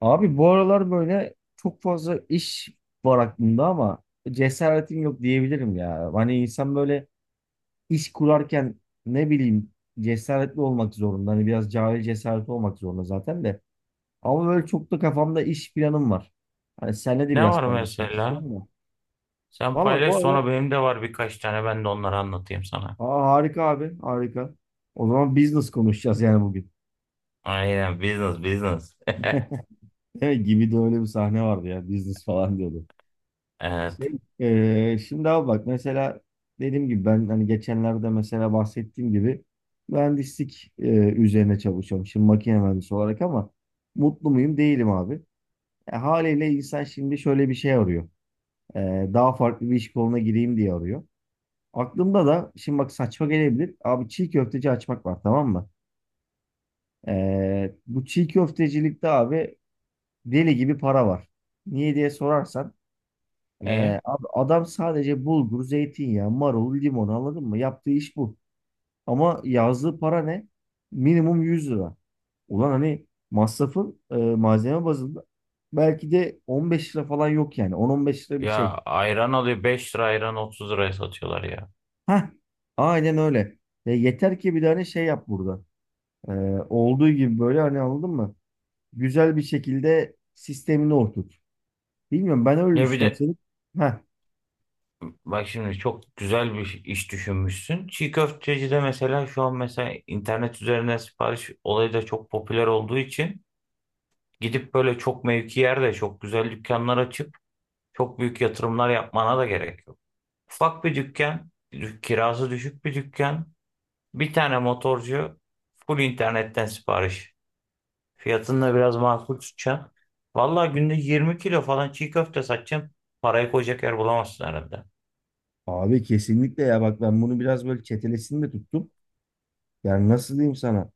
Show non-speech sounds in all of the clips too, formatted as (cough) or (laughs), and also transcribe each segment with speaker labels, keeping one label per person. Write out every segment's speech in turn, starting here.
Speaker 1: Abi bu aralar böyle çok fazla iş var aklımda ama cesaretim yok diyebilirim ya. Hani insan böyle iş kurarken ne bileyim cesaretli olmak zorunda. Hani biraz cahil cesaret olmak zorunda zaten de. Ama böyle çok da kafamda iş planım var. Hani seninle de
Speaker 2: Ne
Speaker 1: biraz
Speaker 2: var
Speaker 1: paylaşmak
Speaker 2: mesela?
Speaker 1: istiyorum da.
Speaker 2: Sen
Speaker 1: Valla
Speaker 2: paylaş,
Speaker 1: bu aralar.
Speaker 2: sonra benim de var birkaç tane, ben de onları anlatayım sana.
Speaker 1: Aa, harika abi harika. O zaman business konuşacağız yani bugün.
Speaker 2: Aynen, business business. (laughs)
Speaker 1: (laughs) Değil mi? Gibi de öyle bir sahne vardı ya, business falan diyordu.
Speaker 2: Evet.
Speaker 1: Şimdi abi bak, mesela dediğim gibi ben hani geçenlerde mesela bahsettiğim gibi mühendislik üzerine çalışıyorum. Şimdi makine mühendisi olarak ama mutlu muyum? Değilim abi. Haliyle insan şimdi şöyle bir şey arıyor. Daha farklı bir iş koluna gireyim diye arıyor. Aklımda da şimdi bak, saçma gelebilir. Abi çiğ köfteci açmak var, tamam mı? Bu çiğ köftecilikte abi deli gibi para var. Niye diye sorarsan
Speaker 2: Niye?
Speaker 1: Abi adam sadece bulgur, zeytinyağı, marul, limon, anladın mı? Yaptığı iş bu. Ama yazdığı para ne? Minimum 100 lira. Ulan hani masrafın malzeme bazında belki de 15 lira falan yok yani. 10-15 lira bir şey.
Speaker 2: Ya ayran alıyor 5 lira, ayran 30 liraya satıyorlar ya.
Speaker 1: Heh, aynen öyle. Ve yeter ki bir tane şey yap burada. Ee, Olduğu gibi böyle hani, anladın mı? Güzel bir şekilde sistemini oturt. Bilmiyorum, ben öyle
Speaker 2: Ya bir
Speaker 1: düşünüyorum.
Speaker 2: de
Speaker 1: Senin... Heh,
Speaker 2: bak, şimdi çok güzel bir iş düşünmüşsün. Çiğ köfteci de mesela, şu an mesela internet üzerinden sipariş olayı da çok popüler olduğu için gidip böyle çok mevki yerde çok güzel dükkanlar açıp çok büyük yatırımlar yapmana da gerek yok. Ufak bir dükkan, kirası düşük bir dükkan, bir tane motorcu, full internetten sipariş. Fiyatını da biraz makul tutacağım. Vallahi günde 20 kilo falan çiğ köfte satacağım. Parayı koyacak yer bulamazsın herhalde.
Speaker 1: abi kesinlikle ya, bak ben bunu biraz böyle çetelesini de tuttum. Yani nasıl diyeyim sana?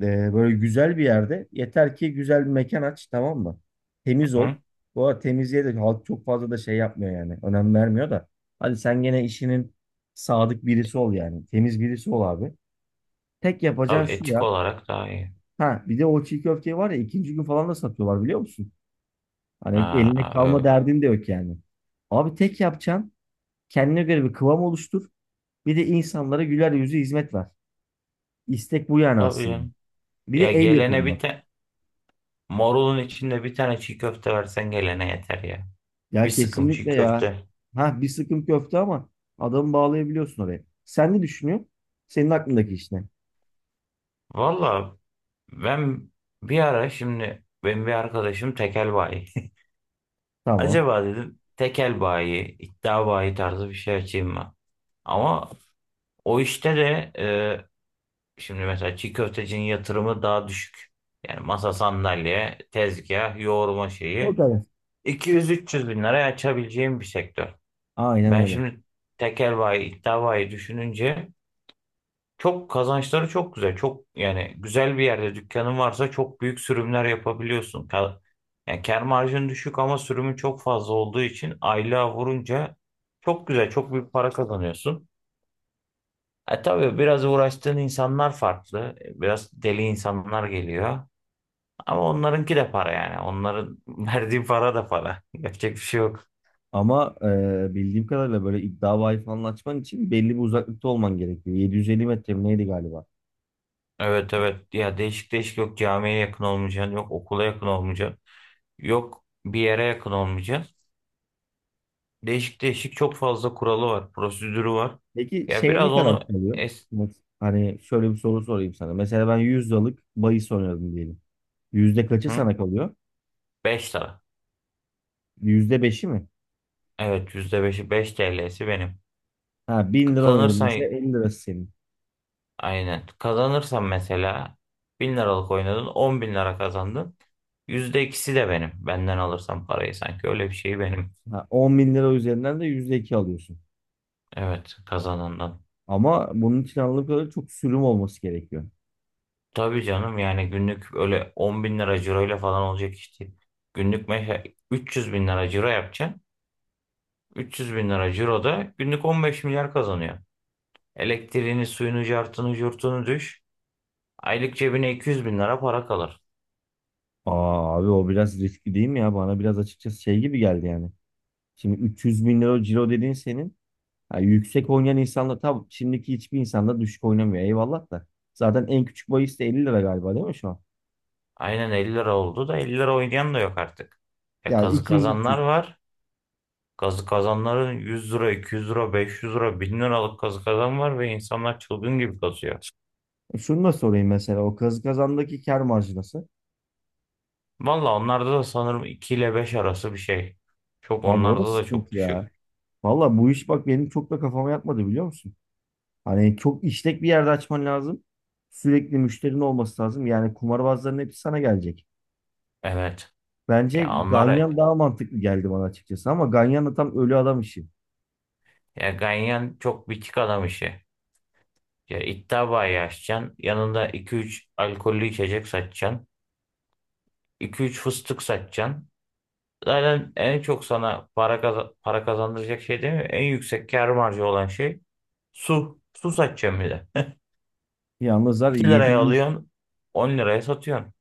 Speaker 1: Böyle güzel bir yerde yeter ki güzel bir mekan aç, tamam mı? Temiz
Speaker 2: Hı?
Speaker 1: ol. Bu arada temizliğe de halk çok fazla da şey yapmıyor yani. Önem vermiyor da. Hadi sen gene işinin sadık birisi ol yani. Temiz birisi ol abi. Tek yapacağın
Speaker 2: Tabii,
Speaker 1: şu ya.
Speaker 2: etik olarak daha iyi.
Speaker 1: Ha bir de o çiğ köfteyi var ya, ikinci gün falan da satıyorlar, biliyor musun? Hani eline
Speaker 2: Aa,
Speaker 1: kalma
Speaker 2: ö-
Speaker 1: derdin de yok yani. Abi tek yapacağın kendine göre bir kıvam oluştur. Bir de insanlara güler yüzü hizmet ver. İstek bu yani
Speaker 2: tabii
Speaker 1: aslında.
Speaker 2: canım.
Speaker 1: Bir de
Speaker 2: Ya,
Speaker 1: el
Speaker 2: gelene bir
Speaker 1: yapımı.
Speaker 2: tane marulun içinde bir tane çiğ köfte versen, gelene yeter ya. Bir
Speaker 1: Ya
Speaker 2: sıkım çiğ
Speaker 1: kesinlikle ya.
Speaker 2: köfte.
Speaker 1: Ha bir sıkım köfte ama adamı bağlayabiliyorsun oraya. Sen ne düşünüyorsun? Senin aklındaki iş ne?
Speaker 2: Valla ben bir ara, şimdi benim bir arkadaşım tekel bayi.
Speaker 1: Tamam.
Speaker 2: Acaba dedim tekel bayi, iddia bayi tarzı bir şey açayım mı? Ama o işte de şimdi mesela çiğ köftecinin yatırımı daha düşük. Yani masa sandalye, tezgah, yoğurma
Speaker 1: O
Speaker 2: şeyi
Speaker 1: kadar.
Speaker 2: 200-300 bin liraya açabileceğim bir sektör.
Speaker 1: Aynen
Speaker 2: Ben
Speaker 1: öyle.
Speaker 2: şimdi tekel bayi, iddia bayi düşününce çok kazançları çok güzel. Çok yani güzel bir yerde dükkanın varsa çok büyük sürümler yapabiliyorsun. Yani kâr marjın düşük ama sürümün çok fazla olduğu için aylığa vurunca çok güzel, çok büyük para kazanıyorsun. E tabii biraz uğraştığın insanlar farklı. E, biraz deli insanlar geliyor. Ama onlarınki de para yani. Onların (laughs) verdiği para da para. Yapacak bir şey yok.
Speaker 1: Ama bildiğim kadarıyla böyle iddia bahis falan açman için belli bir uzaklıkta olman gerekiyor. 750 metre mi neydi galiba?
Speaker 2: Evet, evet. Ya değişik değişik yok, camiye yakın olmayacaksın, yok okula yakın olmayacaksın, yok bir yere yakın olmayacaksın. Değişik değişik çok fazla kuralı var, prosedürü var.
Speaker 1: Peki
Speaker 2: Ya
Speaker 1: şey ne
Speaker 2: biraz
Speaker 1: kadar
Speaker 2: onu
Speaker 1: kalıyor? Mes- Hani şöyle bir soru sorayım sana. Mesela ben 100 liralık bahis oynadım diyelim. Yüzde kaçı
Speaker 2: hı?
Speaker 1: sana kalıyor?
Speaker 2: 5 lira.
Speaker 1: Yüzde beşi mi?
Speaker 2: Evet, %5'i, 5 TL'si benim.
Speaker 1: Ha 1000 lira oynadım mesela,
Speaker 2: Kazanırsan,
Speaker 1: elli lirası senin.
Speaker 2: aynen. Kazanırsan mesela 1.000 liralık oynadın, 10.000 lira kazandın. %2'si de benim. Benden alırsan parayı, sanki öyle bir şey benim.
Speaker 1: Ha, 10 bin lira üzerinden de %2 alıyorsun.
Speaker 2: Evet, kazanandan.
Speaker 1: Ama bunun için anladığım kadarıyla çok sürüm olması gerekiyor.
Speaker 2: Tabii canım, yani günlük öyle 10.000 lira ciroyla falan olacak işte. Günlük mesela 300 bin lira ciro yapacaksın. 300 bin lira ciroda günlük 15 milyar kazanıyor. Elektriğini, suyunu, cartını, curtunu düş. Aylık cebine 200.000 lira para kalır.
Speaker 1: Aa abi, o biraz riskli değil mi ya? Bana biraz açıkçası şey gibi geldi yani. Şimdi 300 bin lira ciro dediğin senin. Ha, yüksek oynayan insanlar tabii, şimdiki hiçbir insanda düşük oynamıyor eyvallah da. Zaten en küçük bahis de 50 lira galiba değil mi şu an?
Speaker 2: Aynen 50 lira oldu da 50 lira oynayan da yok artık. E,
Speaker 1: Yani
Speaker 2: kazı kazanlar
Speaker 1: 200-300.
Speaker 2: var. Kazı kazanların 100 lira, 200 lira, 500 lira, 1.000 liralık kazı kazan var ve insanlar çılgın gibi kazıyor.
Speaker 1: Şunu da sorayım mesela, o kazı kazandaki kar marjı nasıl?
Speaker 2: Valla onlarda da sanırım 2 ile 5 arası bir şey. Çok,
Speaker 1: Abi o da
Speaker 2: onlarda da çok
Speaker 1: sıkıntı ya.
Speaker 2: düşük.
Speaker 1: Valla bu iş bak benim çok da kafama yatmadı, biliyor musun? Hani çok işlek bir yerde açman lazım. Sürekli müşterinin olması lazım. Yani kumarbazların hepsi sana gelecek.
Speaker 2: Evet.
Speaker 1: Bence
Speaker 2: Ya onlara
Speaker 1: Ganyan daha mantıklı geldi bana açıkçası ama Ganyan da tam ölü adam işi.
Speaker 2: ya, ganyan çok bitik adam işi. Ya iddia bayi açacaksın, yanında iki üç alkollü içecek satacaksın. 2 üç fıstık satacaksın. Zaten en çok sana para kazandıracak şey değil mi? En yüksek kâr marjı olan şey su. Su satacaksın bir de.
Speaker 1: Yalnız
Speaker 2: (laughs)
Speaker 1: var ya,
Speaker 2: 2
Speaker 1: yedi
Speaker 2: liraya
Speaker 1: büyük,
Speaker 2: alıyorsun, 10 liraya satıyorsun.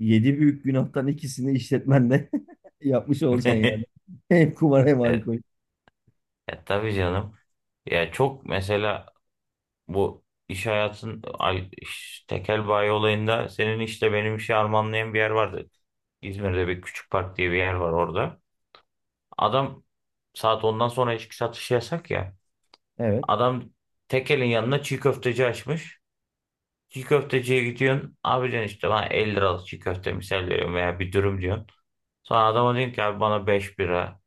Speaker 1: yedi büyük günahtan ikisini işletmenle (laughs) yapmış olacaksın yani.
Speaker 2: (laughs)
Speaker 1: (laughs) Hem kumar hem
Speaker 2: Evet,
Speaker 1: alkol.
Speaker 2: tabii canım. Ya çok mesela bu iş hayatın tekel bayi olayında, senin işte benim işi armağanlayan bir yer vardı. İzmir'de bir küçük park diye bir yer var orada. Adam, saat 10'dan sonra içki satışı yasak ya.
Speaker 1: Evet.
Speaker 2: Adam tekelin yanına çiğ köfteci açmış. Çiğ köfteciye gidiyorsun. Abi diyorsun, işte bana 50 liralık çiğ köfte misal veriyorum, veya bir dürüm diyorsun. Sonra adama diyorsun ki, abi bana 5 bira,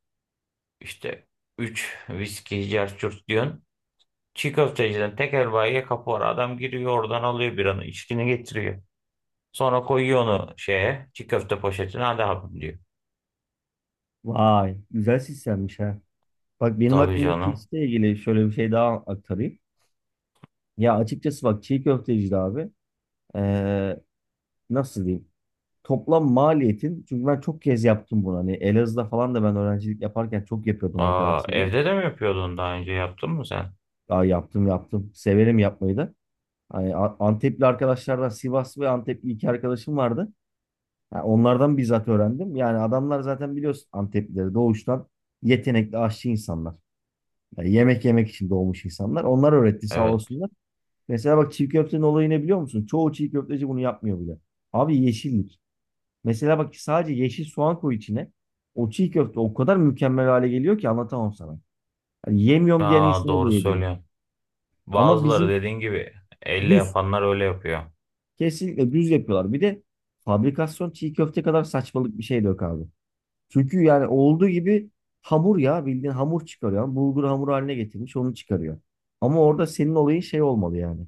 Speaker 2: işte 3 viski cerçurt diyorsun. Çiğ köfteciden tekel bayiye kapı var. Adam giriyor, oradan alıyor, biranı içkini getiriyor. Sonra koyuyor onu şeye, çiğ köfte poşetine, hadi abim diyor.
Speaker 1: Vay, güzel sistemmiş ha. Bak benim
Speaker 2: Tabii
Speaker 1: aklımdaki
Speaker 2: canım.
Speaker 1: işle ilgili şöyle bir şey daha aktarayım. Ya açıkçası bak, çiğ köfteci de abi. ee, Nasıl diyeyim? Toplam maliyetin, çünkü ben çok kez yaptım bunu, hani Elazığ'da falan da ben öğrencilik yaparken çok yapıyordum
Speaker 2: Aa,
Speaker 1: arkadaşlarım.
Speaker 2: evde de mi yapıyordun, daha önce yaptın mı sen?
Speaker 1: Daha yaptım. Severim yapmayı da. Hani Antepli arkadaşlardan, Sivas ve Antepli iki arkadaşım vardı. Ha, onlardan bizzat öğrendim. Yani adamlar zaten biliyorsun, Anteplileri doğuştan yetenekli aşçı insanlar. Yani yemek yemek için doğmuş insanlar. Onlar öğretti, sağ
Speaker 2: Evet.
Speaker 1: olsunlar. Mesela bak, çiğ köftenin olayı ne biliyor musun? Çoğu çiğ köfteci bunu yapmıyor bile. Abi yeşillik. Mesela bak, sadece yeşil soğan koy içine. O çiğ köfte o kadar mükemmel hale geliyor ki anlatamam sana. Yani yemiyorum diyen
Speaker 2: Aa,
Speaker 1: insanı
Speaker 2: doğru
Speaker 1: bile yedirir.
Speaker 2: söylüyorsun.
Speaker 1: Ama
Speaker 2: Bazıları,
Speaker 1: bizim
Speaker 2: dediğin gibi elle
Speaker 1: düz.
Speaker 2: yapanlar öyle yapıyor.
Speaker 1: Kesinlikle düz yapıyorlar. Bir de fabrikasyon çiğ köfte kadar saçmalık bir şey de yok abi. Çünkü yani olduğu gibi hamur ya, bildiğin hamur çıkarıyor. Yani bulgur hamuru haline getirmiş, onu çıkarıyor. Ama orada senin olayın şey olmalı yani.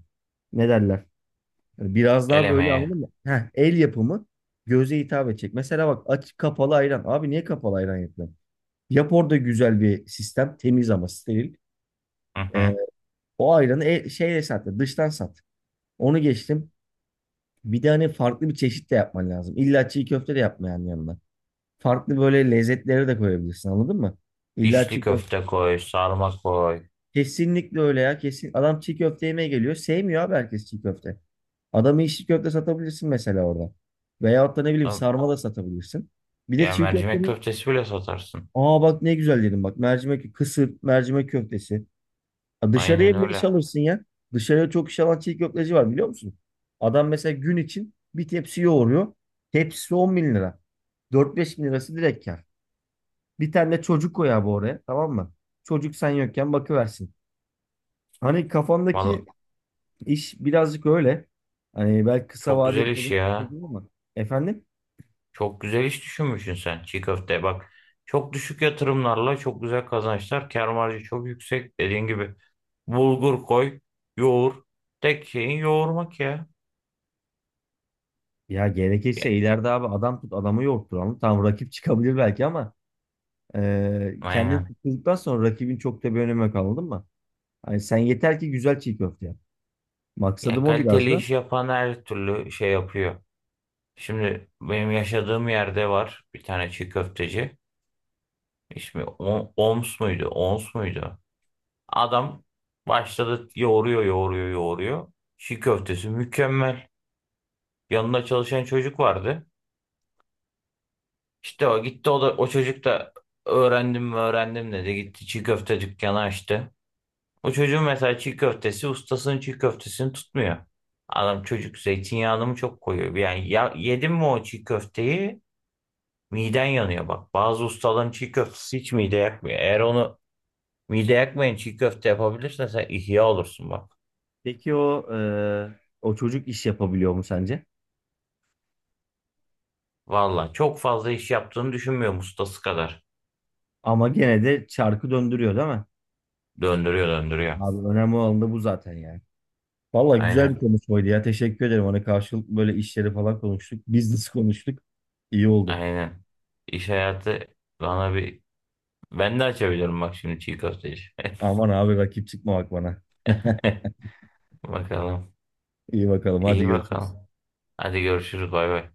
Speaker 1: Ne derler? Yani biraz
Speaker 2: El
Speaker 1: daha böyle,
Speaker 2: emeği.
Speaker 1: anladın mı? Heh, el yapımı, göze hitap edecek. Mesela bak, aç kapalı ayran. Abi niye kapalı ayran yapıyor? Yap orada güzel bir sistem. Temiz ama steril.
Speaker 2: Hı
Speaker 1: Ee,
Speaker 2: hı.
Speaker 1: O ayranı şeyle sat. Dıştan sat. Onu geçtim. Bir de hani farklı bir çeşit de yapman lazım. İlla çiğ köfte de yapmayan yanına. Farklı böyle lezzetlere de koyabilirsin, anladın mı? İlla
Speaker 2: İçli
Speaker 1: çiğ köfte.
Speaker 2: köfte koy, sarma koy.
Speaker 1: Kesinlikle öyle ya. Kesin. Adam çiğ köfte yemeye geliyor. Sevmiyor abi herkes çiğ köfte. Adamı içli köfte satabilirsin mesela orada. Veyahut da ne bileyim
Speaker 2: Lan.
Speaker 1: sarma da satabilirsin. Bir de
Speaker 2: Ya
Speaker 1: çiğ
Speaker 2: mercimek
Speaker 1: köftenin,
Speaker 2: köftesi bile satarsın.
Speaker 1: aa bak ne güzel dedim, bak, mercimek, kısır, mercimek köftesi. Ya
Speaker 2: Aynen
Speaker 1: dışarıya bile iş
Speaker 2: öyle.
Speaker 1: alırsın ya. Dışarıya çok iş alan çiğ köfteci var, biliyor musun? Adam mesela gün için bir tepsi yoğuruyor. Tepsisi 10 bin lira. 4-5 bin lirası direkt kar. Bir tane de çocuk koy abi oraya, tamam mı? Çocuk sen yokken bakıversin. Hani kafamdaki
Speaker 2: Vallahi
Speaker 1: iş birazcık öyle. Hani belki kısa
Speaker 2: çok
Speaker 1: vade
Speaker 2: güzel iş
Speaker 1: yapılacak bir şey
Speaker 2: ya.
Speaker 1: değil ama. Efendim?
Speaker 2: Çok güzel iş düşünmüşsün sen, çiğ köfte. Bak, çok düşük yatırımlarla çok güzel kazançlar. Kâr marjı çok yüksek. Dediğin gibi bulgur koy, yoğur. Tek şeyin yoğurmak ya.
Speaker 1: Ya
Speaker 2: Ya,
Speaker 1: gerekirse ileride abi adam tut, adamı yoğurtturalım. Tamam, rakip çıkabilir belki ama kendini
Speaker 2: aynen.
Speaker 1: tuttuktan sonra rakibin çok da bir önemi yok, anladın mı? Hani sen yeter ki güzel çiğ köfte yap.
Speaker 2: Ya
Speaker 1: Maksadım o biraz
Speaker 2: kaliteli
Speaker 1: da.
Speaker 2: iş yapan her türlü şey yapıyor. Şimdi benim yaşadığım yerde var bir tane çiğ köfteci. İsmi Oms muydu, Ons muydu? Adam başladı, yoğuruyor, yoğuruyor, yoğuruyor. Çiğ köftesi mükemmel. Yanında çalışan çocuk vardı. İşte o gitti, o da, o çocuk da öğrendim mi öğrendim dedi, gitti çiğ köfte dükkanı açtı. O çocuğun mesela çiğ köftesi, ustasının çiğ köftesini tutmuyor. Adam, çocuk zeytinyağını mı çok koyuyor yani? Ya, yedim mi o çiğ köfteyi miden yanıyor bak. Bazı ustaların çiğ köftesi hiç mide yakmıyor. Eğer onu mide yakmayan çiğ köfte yapabilirsen, sen ihya olursun bak.
Speaker 1: Peki o o çocuk iş yapabiliyor mu sence?
Speaker 2: Valla çok fazla iş yaptığını düşünmüyorum, ustası kadar.
Speaker 1: Ama gene de çarkı döndürüyor değil mi?
Speaker 2: Döndürüyor, döndürüyor.
Speaker 1: Abi önemli olan da bu zaten yani. Valla güzel
Speaker 2: Aynen,
Speaker 1: bir konuşmaydı ya. Teşekkür ederim. Hani karşılıklı böyle işleri falan konuştuk. Business konuştuk. İyi oldu.
Speaker 2: aynen. İş hayatı bana bir... Ben de açabilirim bak, şimdi çiğ köfteci.
Speaker 1: Aman abi, rakip çıkma bak bana.
Speaker 2: (laughs) Bakalım.
Speaker 1: İyi bakalım. Hadi
Speaker 2: İyi
Speaker 1: görüşürüz.
Speaker 2: bakalım. Hadi görüşürüz, bay bay.